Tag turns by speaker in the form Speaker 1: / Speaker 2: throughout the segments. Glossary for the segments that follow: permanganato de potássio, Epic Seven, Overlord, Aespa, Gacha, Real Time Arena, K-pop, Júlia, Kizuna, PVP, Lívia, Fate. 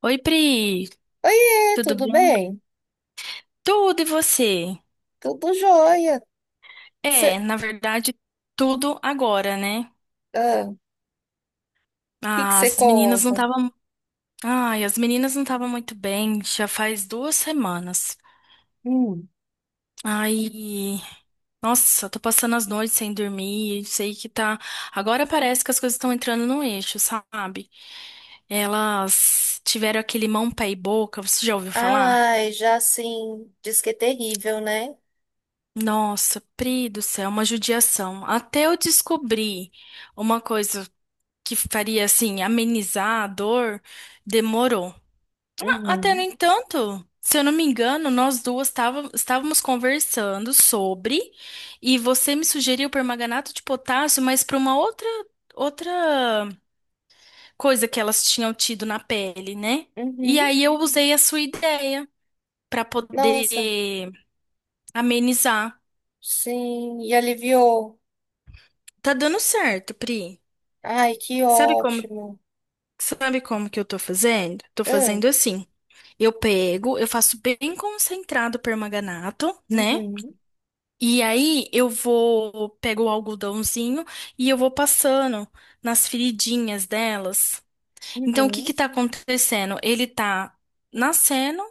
Speaker 1: Oi, Pri,
Speaker 2: Oiê,
Speaker 1: tudo
Speaker 2: tudo
Speaker 1: bom?
Speaker 2: bem?
Speaker 1: Tudo e você?
Speaker 2: Tudo jóia. Cê,
Speaker 1: É, na verdade, tudo agora, né?
Speaker 2: ah, o que que você
Speaker 1: As meninas não
Speaker 2: conta?
Speaker 1: estavam. Ai, as meninas não estavam muito bem, já faz duas semanas.
Speaker 2: Hum.
Speaker 1: Aí, nossa, eu tô passando as noites sem dormir, sei que tá. Agora parece que as coisas estão entrando no eixo, sabe? Elas tiveram aquele mão, pé e boca, você já ouviu falar?
Speaker 2: Ai, já assim, diz que é terrível, né?
Speaker 1: Nossa, Pri do céu, uma judiação. Até eu descobri uma coisa, que faria assim amenizar a dor, demorou. Até no
Speaker 2: Uhum,
Speaker 1: entanto, se eu não me engano, nós duas estávamos conversando sobre e você me sugeriu permanganato de potássio, mas para uma outra coisa que elas tinham tido na pele, né? E
Speaker 2: uhum.
Speaker 1: aí eu usei a sua ideia para
Speaker 2: Nossa,
Speaker 1: poder amenizar.
Speaker 2: sim, e aliviou.
Speaker 1: Tá dando certo, Pri.
Speaker 2: Ai, que
Speaker 1: Sabe como
Speaker 2: ótimo.
Speaker 1: Sabe como que eu tô fazendo? Tô
Speaker 2: Ah,
Speaker 1: fazendo assim. Eu pego, eu faço bem concentrado permanganato, né?
Speaker 2: uhum,
Speaker 1: E aí eu vou, pego o algodãozinho e eu vou passando nas feridinhas delas. Então o que que
Speaker 2: uhum,
Speaker 1: tá acontecendo? Ele tá nascendo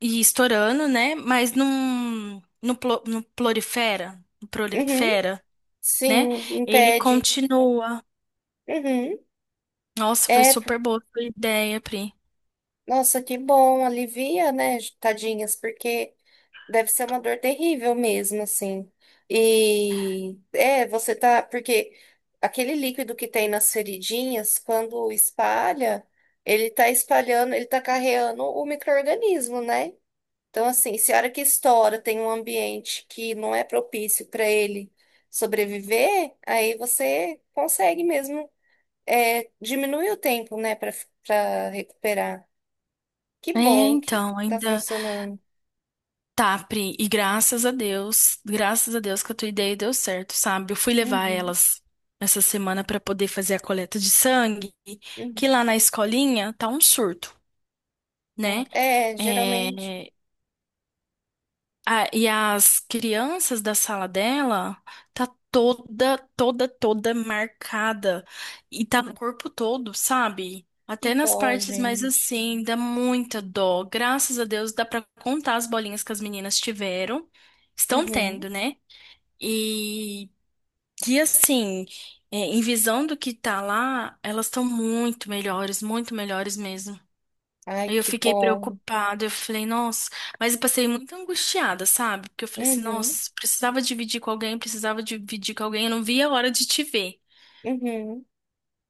Speaker 1: e estourando, né? Mas num, no, plo- no prolifera,
Speaker 2: uhum.
Speaker 1: né?
Speaker 2: Sim,
Speaker 1: Ele
Speaker 2: impede.
Speaker 1: continua.
Speaker 2: Uhum.
Speaker 1: Nossa, foi
Speaker 2: É,
Speaker 1: super boa a sua ideia, Pri.
Speaker 2: nossa, que bom, alivia, né, tadinhas, porque deve ser uma dor terrível mesmo, assim. E é, você tá, porque aquele líquido que tem nas feridinhas, quando espalha, ele tá espalhando, ele tá carreando o micro-organismo, né? Então, assim, se a hora que estoura tem um ambiente que não é propício para ele sobreviver, aí você consegue mesmo diminuir o tempo, né, para recuperar. Que
Speaker 1: É,
Speaker 2: bom que
Speaker 1: então,
Speaker 2: tá
Speaker 1: ainda.
Speaker 2: funcionando.
Speaker 1: Tá, Pri, e graças a Deus que a tua ideia deu certo, sabe? Eu fui levar
Speaker 2: Uhum,
Speaker 1: elas essa semana pra poder fazer a coleta de sangue, que
Speaker 2: uhum.
Speaker 1: lá na escolinha tá um surto, né?
Speaker 2: Tá. É, geralmente.
Speaker 1: É, ah, e as crianças da sala dela tá toda marcada. E tá no corpo todo, sabe?
Speaker 2: Que
Speaker 1: Até nas
Speaker 2: dó,
Speaker 1: partes mais
Speaker 2: gente.
Speaker 1: assim, dá muita dó. Graças a Deus dá pra contar as bolinhas que as meninas tiveram. Estão
Speaker 2: Uhum.
Speaker 1: tendo, né? E, e assim, é, em visão do que tá lá, elas estão muito melhores mesmo.
Speaker 2: Ai,
Speaker 1: Aí eu
Speaker 2: que
Speaker 1: fiquei
Speaker 2: bom.
Speaker 1: preocupada, eu falei, nossa, mas eu passei muito angustiada, sabe? Porque eu falei assim,
Speaker 2: Uhum,
Speaker 1: nossa, precisava dividir com alguém, precisava dividir com alguém, eu não via a hora de te ver.
Speaker 2: uhum.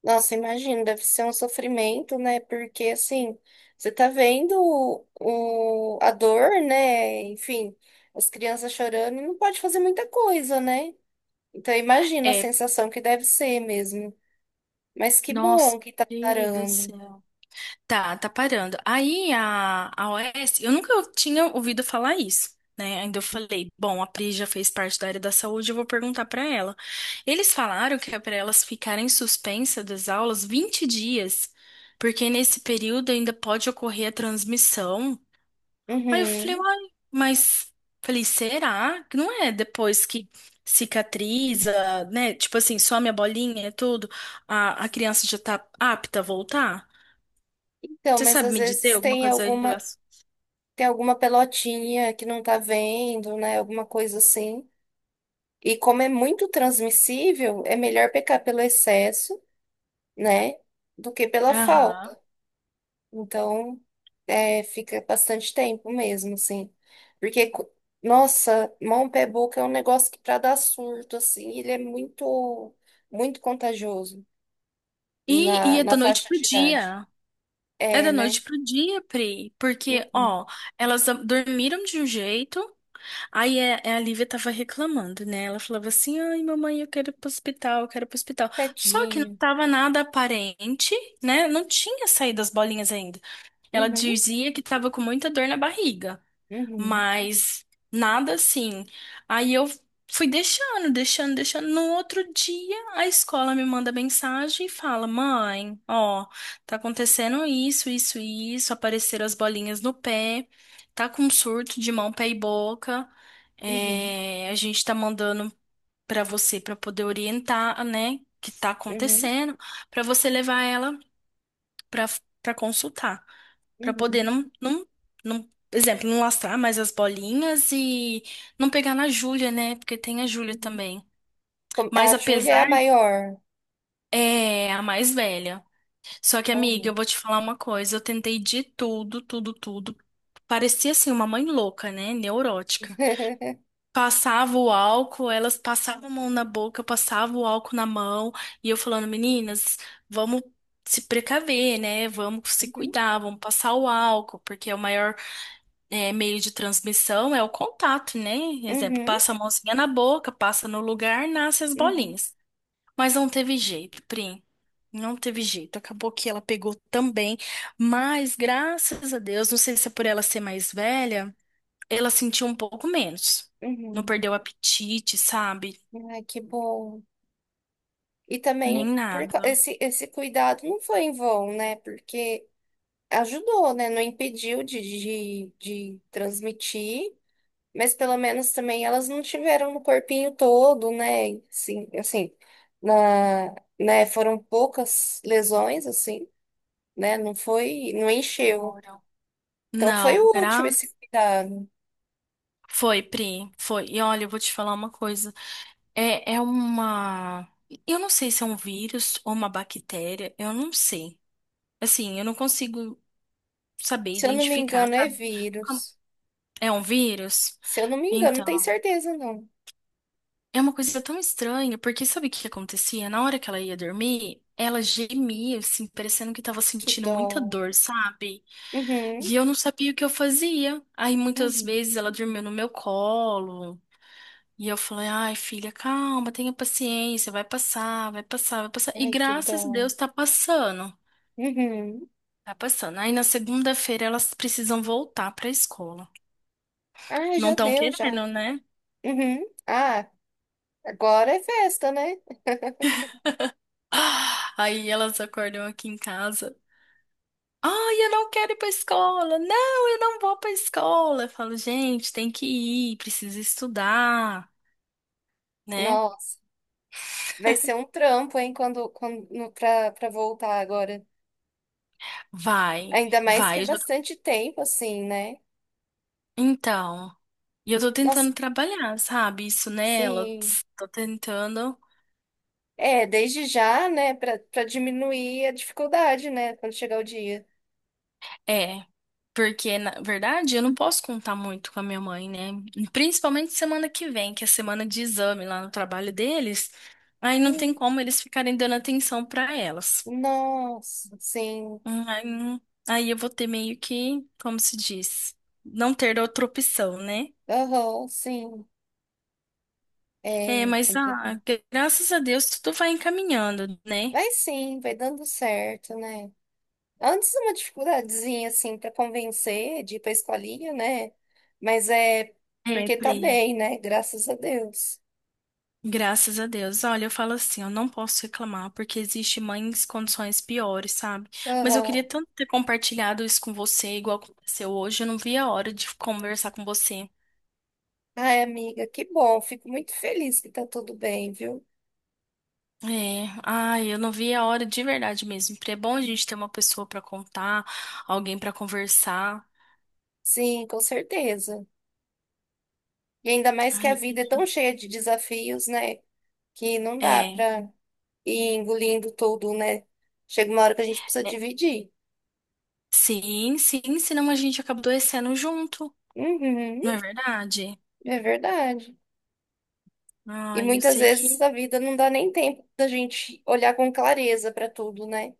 Speaker 2: Nossa, imagina, deve ser um sofrimento, né? Porque assim, você tá vendo o, a dor, né? Enfim, as crianças chorando e não pode fazer muita coisa, né? Então imagina a
Speaker 1: É,
Speaker 2: sensação que deve ser mesmo. Mas que
Speaker 1: nossa,
Speaker 2: bom que tá
Speaker 1: Deus do
Speaker 2: parando.
Speaker 1: céu. Tá, tá parando. Aí a OS eu nunca tinha ouvido falar isso. Né? Ainda eu falei, bom, a Pri já fez parte da área da saúde, eu vou perguntar pra ela. Eles falaram que é para elas ficarem suspensas das aulas 20 dias, porque nesse período ainda pode ocorrer a transmissão. Aí eu falei,
Speaker 2: Uhum.
Speaker 1: uai, mas falei, será que não é depois que cicatriza, né? Tipo assim, some a bolinha e tudo, a criança já tá apta a voltar?
Speaker 2: Então,
Speaker 1: Você
Speaker 2: mas
Speaker 1: sabe
Speaker 2: às
Speaker 1: me dizer
Speaker 2: vezes
Speaker 1: alguma
Speaker 2: tem
Speaker 1: coisa em
Speaker 2: alguma.
Speaker 1: relação?
Speaker 2: Tem alguma pelotinha que não tá vendo, né? Alguma coisa assim. E como é muito transmissível, é melhor pecar pelo excesso, né? Do que pela falta.
Speaker 1: Aham.
Speaker 2: Então, fica bastante tempo mesmo, assim. Porque, nossa, mão, pé, boca é um negócio que pra dar surto, assim, ele é muito, muito contagioso
Speaker 1: E,
Speaker 2: na,
Speaker 1: e é
Speaker 2: na
Speaker 1: da noite
Speaker 2: faixa
Speaker 1: pro
Speaker 2: de idade.
Speaker 1: dia. É
Speaker 2: É,
Speaker 1: da
Speaker 2: né?
Speaker 1: noite pro dia, Pri. Porque,
Speaker 2: Uhum.
Speaker 1: ó, elas dormiram de um jeito. Aí é a Lívia tava reclamando, né? Ela falava assim: ai, mamãe, eu quero ir pro hospital, eu quero ir pro hospital. Só que não
Speaker 2: Tadinho.
Speaker 1: tava nada aparente, né? Não tinha saído as bolinhas ainda. Ela
Speaker 2: Uhum,
Speaker 1: dizia que tava com muita dor na barriga,
Speaker 2: uhum,
Speaker 1: mas nada assim. Aí eu fui deixando. No outro dia, a escola me manda mensagem e fala: Mãe, ó, tá acontecendo isso, isso e isso, apareceram as bolinhas no pé, tá com um surto de mão, pé e boca.
Speaker 2: uhum,
Speaker 1: É, a gente tá mandando pra você pra poder orientar, né, que tá
Speaker 2: uhum,
Speaker 1: acontecendo, pra você levar ela pra para consultar. Pra poder
Speaker 2: uhum.
Speaker 1: não, exemplo, não lastrar mais as bolinhas e não pegar na Júlia, né? Porque tem a Júlia
Speaker 2: Uhum.
Speaker 1: também.
Speaker 2: A
Speaker 1: Mas
Speaker 2: Júlia é a
Speaker 1: apesar,
Speaker 2: maior.
Speaker 1: é a mais velha. Só que, amiga, eu
Speaker 2: Uhum.
Speaker 1: vou te falar uma coisa. Eu tentei de tudo. Parecia assim uma mãe louca, né? Neurótica. Passava o álcool, elas passavam a mão na boca, eu passava o álcool na mão, e eu falando, meninas, vamos se precaver, né? Vamos se
Speaker 2: Uhum.
Speaker 1: cuidar, vamos passar o álcool, porque é o maior meio de transmissão é o contato, né? Exemplo,
Speaker 2: Uhum,
Speaker 1: passa a mãozinha na boca, passa no lugar, nasce as
Speaker 2: uhum,
Speaker 1: bolinhas. Mas não teve jeito, Pri. Não teve jeito. Acabou que ela pegou também. Mas, graças a Deus, não sei se é por ela ser mais velha, ela sentiu um pouco menos. Não
Speaker 2: uhum.
Speaker 1: perdeu o apetite, sabe?
Speaker 2: Ai, que bom. E também
Speaker 1: Nem nada.
Speaker 2: esse cuidado não foi em vão, né? Porque ajudou, né? Não impediu de transmitir, mas pelo menos também elas não tiveram no corpinho todo, né? Sim, assim, na, né? Foram poucas lesões, assim, né? Não foi, não encheu.
Speaker 1: Ora.
Speaker 2: Então foi
Speaker 1: Não, gra...
Speaker 2: útil esse cuidado.
Speaker 1: foi, Pri, foi. E olha, eu vou te falar uma coisa. É, é uma. Eu não sei se é um vírus ou uma bactéria, eu não sei. Assim, eu não consigo saber
Speaker 2: Se eu não me
Speaker 1: identificar,
Speaker 2: engano, é
Speaker 1: sabe? Ah,
Speaker 2: vírus.
Speaker 1: é um vírus?
Speaker 2: Se eu não me engano, não
Speaker 1: Então,
Speaker 2: tenho certeza, não.
Speaker 1: é uma coisa tão estranha, porque sabe o que que acontecia? Na hora que ela ia dormir, ela gemia, assim, parecendo que tava
Speaker 2: Que
Speaker 1: sentindo muita
Speaker 2: dó.
Speaker 1: dor, sabe?
Speaker 2: Uhum,
Speaker 1: E eu não sabia o que eu fazia. Aí muitas
Speaker 2: uhum.
Speaker 1: vezes ela dormiu no meu colo, e eu falei, ai, filha, calma, tenha paciência, vai passar, vai passar, vai passar. E
Speaker 2: Ai, que dó.
Speaker 1: graças a Deus tá passando,
Speaker 2: Uhum.
Speaker 1: tá passando. Aí na segunda-feira elas precisam voltar pra escola.
Speaker 2: Ai,
Speaker 1: Não
Speaker 2: já
Speaker 1: estão
Speaker 2: deu, já.
Speaker 1: querendo, né?
Speaker 2: Uhum. Ah, agora é festa, né?
Speaker 1: Ah, aí elas acordam aqui em casa. Ai, eu não quero ir pra escola. Não, eu não vou pra escola. Eu falo, gente, tem que ir, precisa estudar, né?
Speaker 2: Nossa, vai ser um trampo, hein, quando pra voltar agora.
Speaker 1: Vai,
Speaker 2: Ainda mais que
Speaker 1: vai.
Speaker 2: é bastante tempo, assim, né?
Speaker 1: Então, e eu tô
Speaker 2: Nossa,
Speaker 1: tentando trabalhar, sabe? Isso nela.
Speaker 2: sim.
Speaker 1: Tô tentando.
Speaker 2: É, desde já, né, pra diminuir a dificuldade, né, quando chegar o dia.
Speaker 1: É, porque na verdade eu não posso contar muito com a minha mãe, né? Principalmente semana que vem, que é semana de exame lá no trabalho deles. Aí não tem
Speaker 2: Hum.
Speaker 1: como eles ficarem dando atenção pra elas.
Speaker 2: Nossa, sim.
Speaker 1: Aí, não- aí eu vou ter meio que, como se diz, não ter outra opção, né?
Speaker 2: Aham, sim,
Speaker 1: É,
Speaker 2: é
Speaker 1: mas ah,
Speaker 2: completamente.
Speaker 1: graças a Deus tudo vai encaminhando, né?
Speaker 2: Mas sim, vai dando certo, né? Antes uma dificuldadezinha assim para convencer de ir para escolinha, né? Mas é
Speaker 1: É,
Speaker 2: porque tá
Speaker 1: Pri.
Speaker 2: bem, né? Graças a Deus.
Speaker 1: Graças a Deus. Olha, eu falo assim, eu não posso reclamar, porque existe mães em condições piores, sabe? Mas eu queria
Speaker 2: Aham.
Speaker 1: tanto ter compartilhado isso com você, igual aconteceu hoje. Eu não vi a hora de conversar com você.
Speaker 2: Ai, amiga, que bom. Fico muito feliz que tá tudo bem, viu?
Speaker 1: É, ai, eu não vi a hora de verdade mesmo. Porque é bom a gente ter uma pessoa pra contar, alguém pra conversar.
Speaker 2: Sim, com certeza. E ainda mais que a
Speaker 1: Ai,
Speaker 2: vida é tão cheia de desafios, né? Que não dá
Speaker 1: é,
Speaker 2: para ir engolindo tudo, né? Chega uma hora que a gente precisa
Speaker 1: é,
Speaker 2: dividir.
Speaker 1: sim, sim, senão a gente acaba adoecendo junto,
Speaker 2: Uhum.
Speaker 1: não é verdade?
Speaker 2: É verdade. E
Speaker 1: Ai, eu
Speaker 2: muitas
Speaker 1: sei que
Speaker 2: vezes a vida não dá nem tempo da gente olhar com clareza para tudo, né?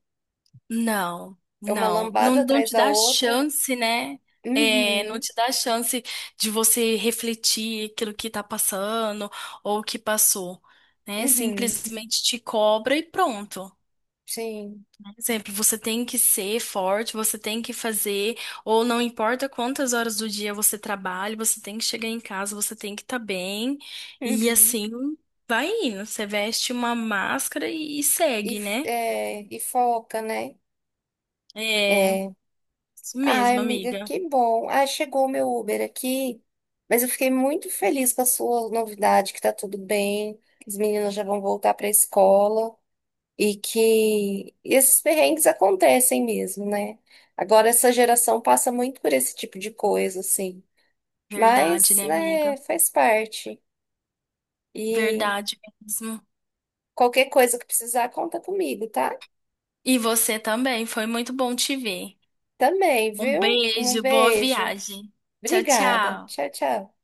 Speaker 1: não,
Speaker 2: É uma
Speaker 1: não, não,
Speaker 2: lambada
Speaker 1: não
Speaker 2: atrás
Speaker 1: te
Speaker 2: da
Speaker 1: dá
Speaker 2: outra.
Speaker 1: chance, né? É, não
Speaker 2: Uhum,
Speaker 1: te dá chance de você refletir aquilo que tá passando ou que passou, né?
Speaker 2: uhum,
Speaker 1: Simplesmente te cobra e pronto.
Speaker 2: sim.
Speaker 1: Por exemplo, você tem que ser forte, você tem que fazer, ou não importa quantas horas do dia você trabalha, você tem que chegar em casa, você tem que estar bem, e
Speaker 2: Uhum.
Speaker 1: assim vai indo. Você veste uma máscara e
Speaker 2: E,
Speaker 1: segue,
Speaker 2: f-
Speaker 1: né?
Speaker 2: é, e foca, né?
Speaker 1: É,
Speaker 2: É.
Speaker 1: isso
Speaker 2: Ai,
Speaker 1: mesmo,
Speaker 2: amiga,
Speaker 1: amiga.
Speaker 2: que bom. Ah, chegou o meu Uber aqui, mas eu fiquei muito feliz com a sua novidade, que tá tudo bem, que as meninas já vão voltar para a escola. E que esses perrengues acontecem mesmo, né? Agora, essa geração passa muito por esse tipo de coisa, assim.
Speaker 1: Verdade,
Speaker 2: Mas,
Speaker 1: né, amiga?
Speaker 2: né, faz parte. E
Speaker 1: Verdade mesmo.
Speaker 2: qualquer coisa que precisar, conta comigo, tá?
Speaker 1: E você também, foi muito bom te ver.
Speaker 2: Também,
Speaker 1: Um
Speaker 2: viu? Um
Speaker 1: beijo, boa
Speaker 2: beijo.
Speaker 1: viagem. Tchau,
Speaker 2: Obrigada.
Speaker 1: tchau.
Speaker 2: Tchau, tchau.